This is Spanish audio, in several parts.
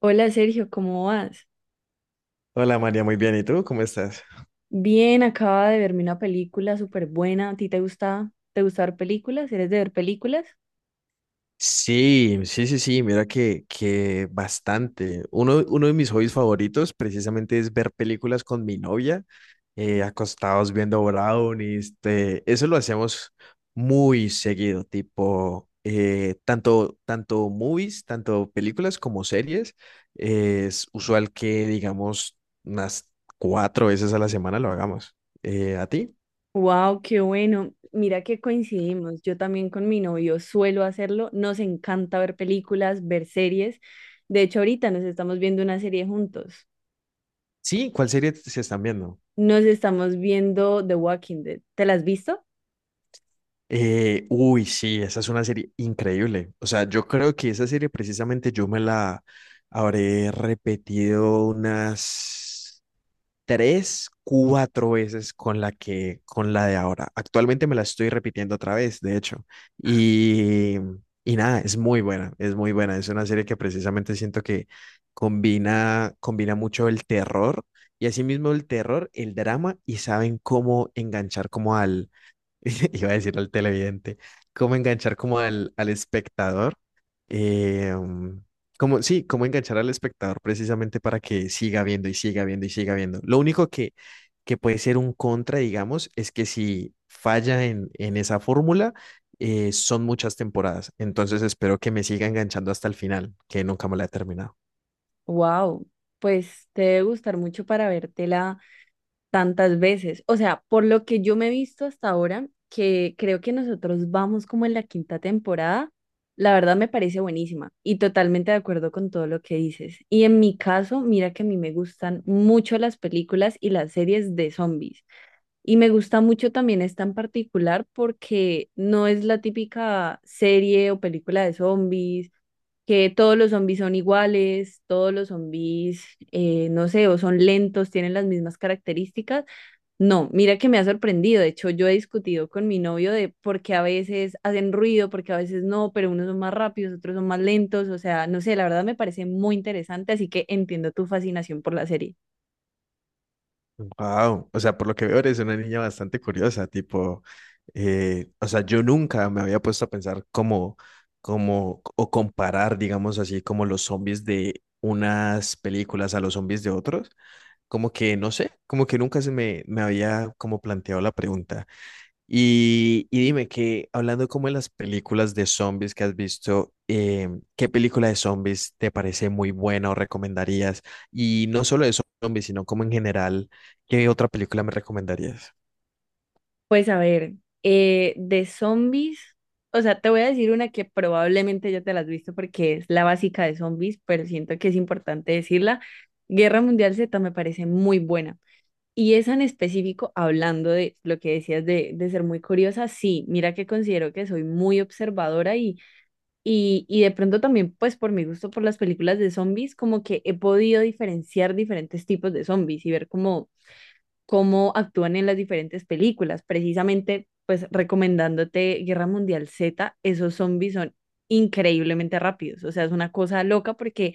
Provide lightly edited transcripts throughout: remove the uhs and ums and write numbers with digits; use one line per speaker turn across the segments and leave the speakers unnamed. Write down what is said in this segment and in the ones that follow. Hola Sergio, ¿cómo vas?
Hola María, muy bien. ¿Y tú? ¿Cómo estás?
Bien, acaba de verme una película súper buena. ¿A ti te gusta ver películas? ¿Eres de ver películas?
Sí, sí, sí, sí, mira que bastante. Uno de mis hobbies favoritos precisamente es ver películas con mi novia, acostados viendo brownies. Este, eso lo hacemos muy seguido, tipo, tanto movies, tanto películas como series. Es usual que, digamos, unas cuatro veces a la semana lo hagamos. ¿A ti?
Wow, qué bueno. Mira que coincidimos. Yo también con mi novio suelo hacerlo. Nos encanta ver películas, ver series. De hecho, ahorita nos estamos viendo una serie juntos.
Sí, ¿cuál serie se están viendo?
Nos estamos viendo The Walking Dead. ¿Te la has visto?
Uy, sí, esa es una serie increíble. O sea, yo creo que esa serie precisamente yo me la habré repetido unas tres, cuatro veces con con la de ahora. Actualmente me la estoy repitiendo otra vez, de hecho. Y, y nada, es muy buena, es muy buena. Es una serie que precisamente siento que combina mucho el terror y asimismo el terror, el drama y saben cómo enganchar como al Iba a decir al televidente, cómo enganchar como al espectador, eh, um, como, sí, cómo enganchar al espectador precisamente para que siga viendo y siga viendo y siga viendo. Lo único que puede ser un contra, digamos, es que si falla en esa fórmula, son muchas temporadas. Entonces espero que me siga enganchando hasta el final, que nunca me la he terminado.
Wow, pues te debe gustar mucho para vértela tantas veces. O sea, por lo que yo me he visto hasta ahora, que creo que nosotros vamos como en la quinta temporada, la verdad me parece buenísima y totalmente de acuerdo con todo lo que dices. Y en mi caso, mira que a mí me gustan mucho las películas y las series de zombies. Y me gusta mucho también esta en particular porque no es la típica serie o película de zombies que todos los zombies son iguales, todos los zombies, no sé, o son lentos, tienen las mismas características, no, mira que me ha sorprendido. De hecho, yo he discutido con mi novio de por qué a veces hacen ruido, por qué a veces no, pero unos son más rápidos, otros son más lentos. O sea, no sé, la verdad me parece muy interesante, así que entiendo tu fascinación por la serie.
Wow, o sea, por lo que veo eres una niña bastante curiosa, tipo, o sea, yo nunca me había puesto a pensar cómo, o comparar, digamos así, como los zombies de unas películas a los zombies de otros, como que, no sé, como que nunca se me había como planteado la pregunta. Y dime que, hablando como de las películas de zombies que has visto, ¿qué película de zombies te parece muy buena o recomendarías? Y no solo de zombies, sino como en general, ¿qué otra película me recomendarías?
Pues a ver, de zombies, o sea, te voy a decir una que probablemente ya te la has visto porque es la básica de zombies, pero siento que es importante decirla. Guerra Mundial Z me parece muy buena. Y esa en específico, hablando de lo que decías de ser muy curiosa, sí, mira que considero que soy muy observadora y de pronto también, pues por mi gusto por las películas de zombies, como que he podido diferenciar diferentes tipos de zombies y ver cómo, cómo actúan en las diferentes películas. Precisamente, pues recomendándote Guerra Mundial Z, esos zombies son increíblemente rápidos, o sea, es una cosa loca porque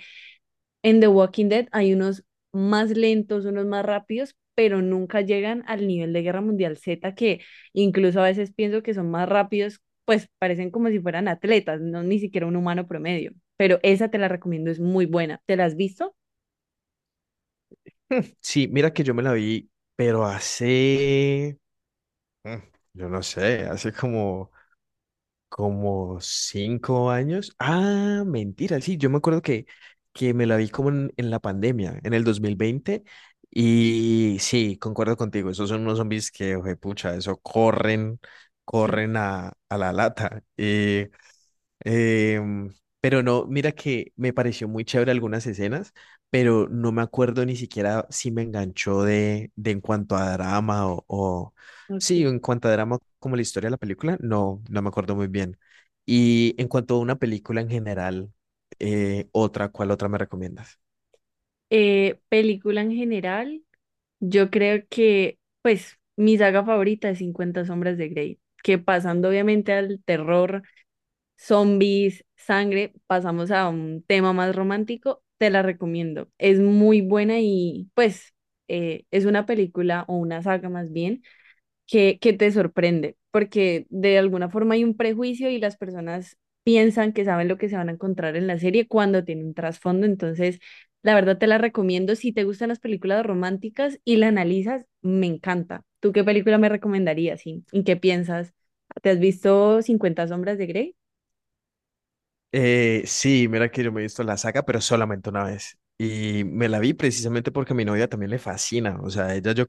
en The Walking Dead hay unos más lentos, unos más rápidos, pero nunca llegan al nivel de Guerra Mundial Z, que incluso a veces pienso que son más rápidos, pues parecen como si fueran atletas, no ni siquiera un humano promedio. Pero esa te la recomiendo, es muy buena. ¿Te la has visto?
Sí, mira que yo me la vi, pero hace, hmm, yo no sé, hace como 5 años. Ah, mentira, sí, yo me acuerdo que me la vi como en la pandemia, en el 2020. Y sí, concuerdo contigo, esos son unos zombies que, pucha, eso corren,
Sí.
corren a la lata. Em, pero no, mira que me pareció muy chévere algunas escenas, pero no me acuerdo ni siquiera si me enganchó de en cuanto a drama o, sí,
Ok.
en cuanto a drama, como la historia de la película, no, no me acuerdo muy bien. Y en cuanto a una película en general, otra, ¿cuál otra me recomiendas?
Película en general, yo creo que, pues, mi saga favorita es 50 Sombras de Grey, que pasando obviamente al terror zombies, sangre, pasamos a un tema más romántico, te la recomiendo. Es muy buena y pues es una película o una saga más bien que te sorprende, porque de alguna forma hay un prejuicio y las personas piensan que saben lo que se van a encontrar en la serie cuando tiene un trasfondo, entonces la verdad te la recomiendo. Si te gustan las películas románticas y la analizas, me encanta. ¿Tú qué película me recomendarías? ¿Sí? ¿Y qué piensas? ¿Te has visto cincuenta sombras de Grey?
Sí, mira que yo me he visto la saga, pero solamente una vez. Y me la vi precisamente porque a mi novia también le fascina. O sea, ella yo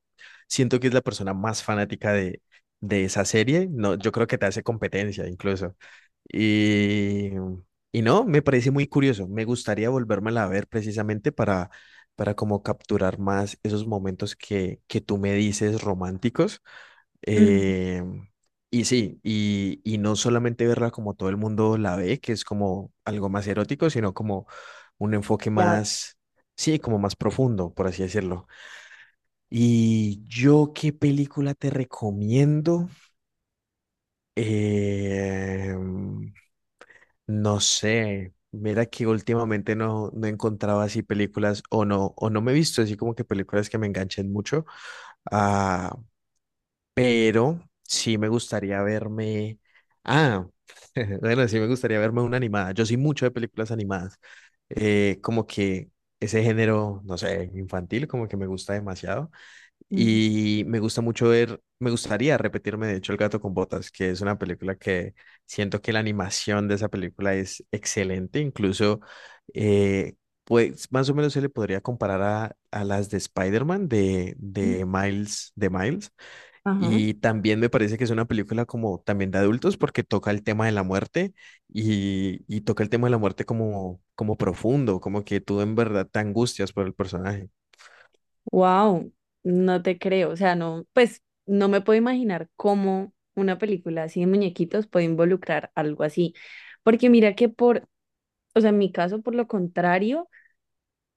siento que es la persona más fanática de esa serie. No, yo creo que te hace competencia incluso. Y, y no, me parece muy curioso. Me gustaría volvérmela a ver precisamente para como capturar más esos momentos que tú me dices románticos eh, y sí, y no solamente verla como todo el mundo la ve, que es como algo más erótico, sino como un enfoque
Claro.
más, sí, como más profundo, por así decirlo. ¿Y yo qué película te recomiendo? Eh, no sé. Mira que últimamente no, no encontraba así películas o no me he visto así como que películas que me enganchen mucho. ah, Pero sí me gustaría verme. Ah, bueno, sí me gustaría verme una animada. Yo soy mucho de películas animadas. Como que ese género, no sé, infantil, como que me gusta demasiado.
Ujú.
Y me gustaría repetirme, de hecho, El gato con botas, que es una película que siento que la animación de esa película es excelente. Incluso, eh, pues más o menos se le podría comparar a las de Spider-Man, de Miles,
Ajá.
y también me parece que es una película como también de adultos porque toca el tema de la muerte y toca el tema de la muerte como como profundo, como que tú en verdad te angustias por el personaje.
Wow, no te creo. O sea, no, pues no me puedo imaginar cómo una película así de muñequitos puede involucrar algo así. Porque mira que por, o sea, en mi caso, por lo contrario.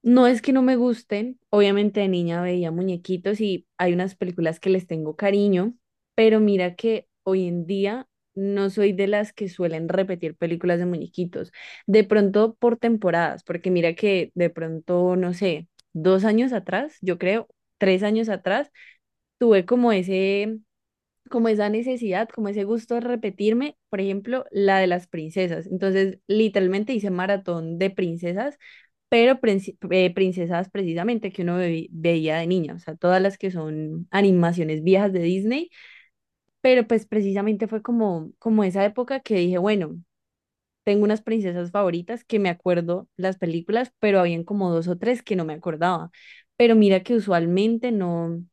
No es que no me gusten, obviamente de niña veía muñequitos y hay unas películas que les tengo cariño, pero mira que hoy en día no soy de las que suelen repetir películas de muñequitos, de pronto por temporadas, porque mira que de pronto, no sé, dos años atrás, yo creo, tres años atrás, tuve como ese como esa necesidad, como ese gusto de repetirme, por ejemplo, la de las princesas. Entonces, literalmente hice maratón de princesas, pero princesas precisamente que veía de niña, o sea, todas las que son animaciones viejas de Disney, pero pues precisamente fue como, como esa época que dije, bueno. Tengo unas princesas favoritas que me acuerdo las películas, pero habían como dos o tres que no me acordaba. Pero mira que usualmente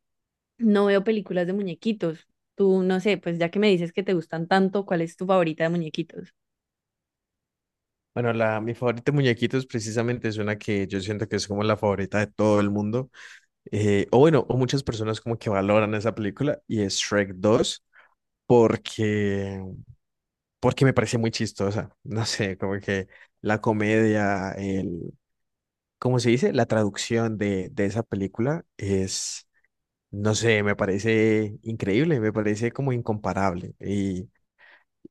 no veo películas de muñequitos. Tú, no sé, pues ya que me dices que te gustan tanto, ¿cuál es tu favorita de muñequitos?
Bueno, mi favorita de muñequitos precisamente es una que yo siento que es como la favorita de todo el mundo. O bueno, o muchas personas como que valoran esa película y es Shrek 2 porque, porque me parece muy chistosa. No sé, como que la comedia, como se dice, la traducción de esa película es, no sé, me parece increíble, me parece como incomparable. Y,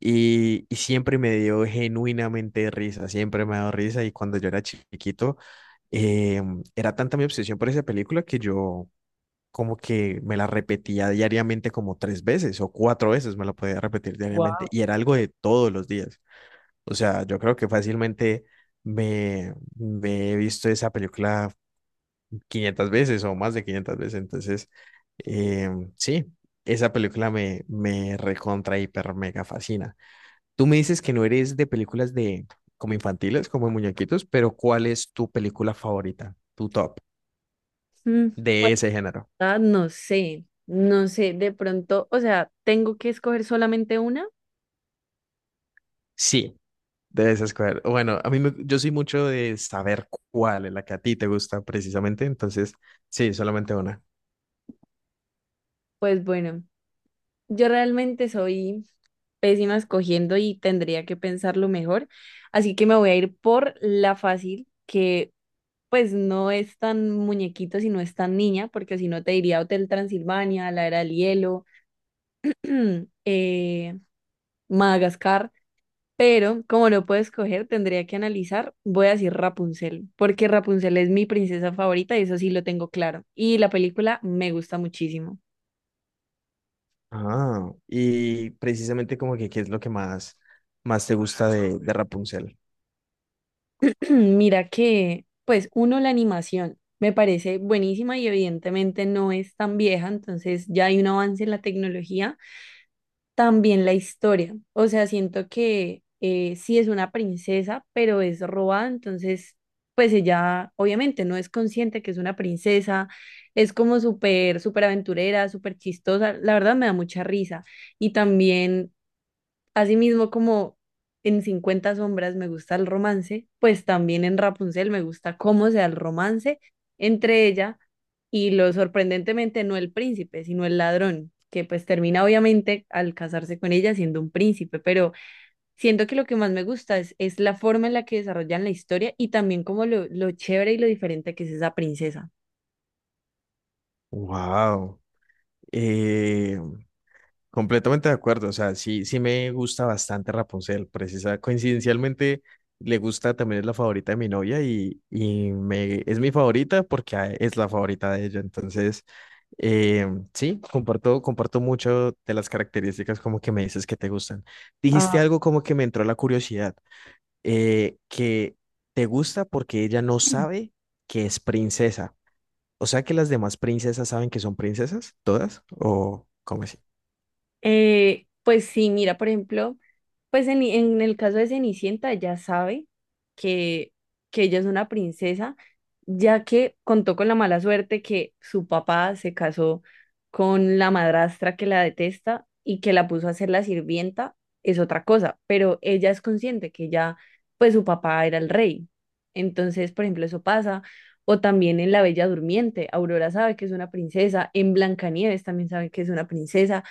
y, y siempre me dio genuinamente risa, siempre me ha dado risa. Y cuando yo era chiquito, eh, era tanta mi obsesión por esa película que yo como que me la repetía diariamente como tres veces o cuatro veces me la podía repetir diariamente. Y era algo de todos los días. O sea, yo creo que fácilmente... me he visto esa película 500 veces o más de 500 veces. Entonces, eh, sí, esa película me recontra, hiper, mega fascina. Tú me dices que no eres de películas de como infantiles, como de muñequitos, pero ¿cuál es tu película favorita, tu top
Mm, pues
de ese género?
ah, no sé, no sé, de pronto, o sea, ¿tengo que escoger solamente una?
Sí, de esas escoger. Bueno, yo soy mucho de saber cuál es la que a ti te gusta precisamente, entonces sí, solamente una.
Pues bueno, yo realmente soy pésima escogiendo y tendría que pensarlo mejor, así que me voy a ir por la fácil, que pues no es tan muñequito, sino es tan niña, porque si no te diría Hotel Transilvania, La Era del Hielo, eh, Madagascar. Pero como no puedo escoger, tendría que analizar. Voy a decir Rapunzel, porque Rapunzel es mi princesa favorita y eso sí lo tengo claro. Y la película me gusta muchísimo.
Ah, y precisamente como que qué es lo que más te gusta de Rapunzel.
Mira que, pues uno, la animación me parece buenísima y evidentemente no es tan vieja, entonces ya hay un avance en la tecnología. También la historia, o sea, siento que sí es una princesa, pero es robada, entonces, pues ella obviamente no es consciente que es una princesa, es como súper, súper aventurera, súper chistosa, la verdad me da mucha risa. Y también asimismo, como en 50 sombras me gusta el romance, pues también en Rapunzel me gusta cómo se da el romance entre ella y lo sorprendentemente no el príncipe, sino el ladrón, que pues termina obviamente al casarse con ella siendo un príncipe, pero siento que lo que más me gusta es la forma en la que desarrollan la historia y también como lo chévere y lo diferente que es esa princesa.
Wow, eh, completamente de acuerdo. O sea, sí, sí me gusta bastante Rapunzel. Coincidencialmente le gusta también es la favorita de mi novia y me es mi favorita porque es la favorita de ella. Entonces, eh, sí, comparto mucho de las características como que me dices que te gustan.
Ah,
Dijiste algo como que me entró la curiosidad, que te gusta porque ella no sabe que es princesa. O sea que las demás princesas saben que son princesas, todas, o cómo así.
pues sí, mira, por ejemplo. Pues en el caso de Cenicienta ya sabe que, que ella es una princesa, ya que contó con la mala suerte que su papá se casó con la madrastra que la detesta y que la puso a ser la sirvienta, es otra cosa, pero ella es consciente que ya, pues su papá era el rey. Entonces, por ejemplo, eso pasa. O también en La Bella Durmiente, Aurora sabe que es una princesa, en Blancanieves también sabe que es una princesa,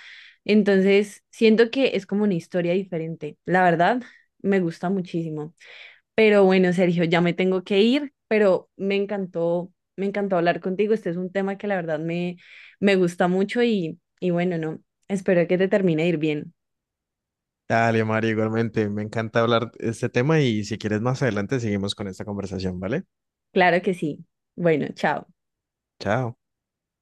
entonces, siento que es como una historia diferente. La verdad, me gusta muchísimo. Pero bueno, Sergio, ya me tengo que ir, pero me encantó hablar contigo. Este es un tema que la verdad me, me gusta mucho y bueno, no, espero que te termine de ir bien.
Dale, Mario, igualmente, me encanta hablar de este tema y si quieres más adelante seguimos con esta conversación, ¿vale?
Claro que sí. Bueno, chao.
Chao.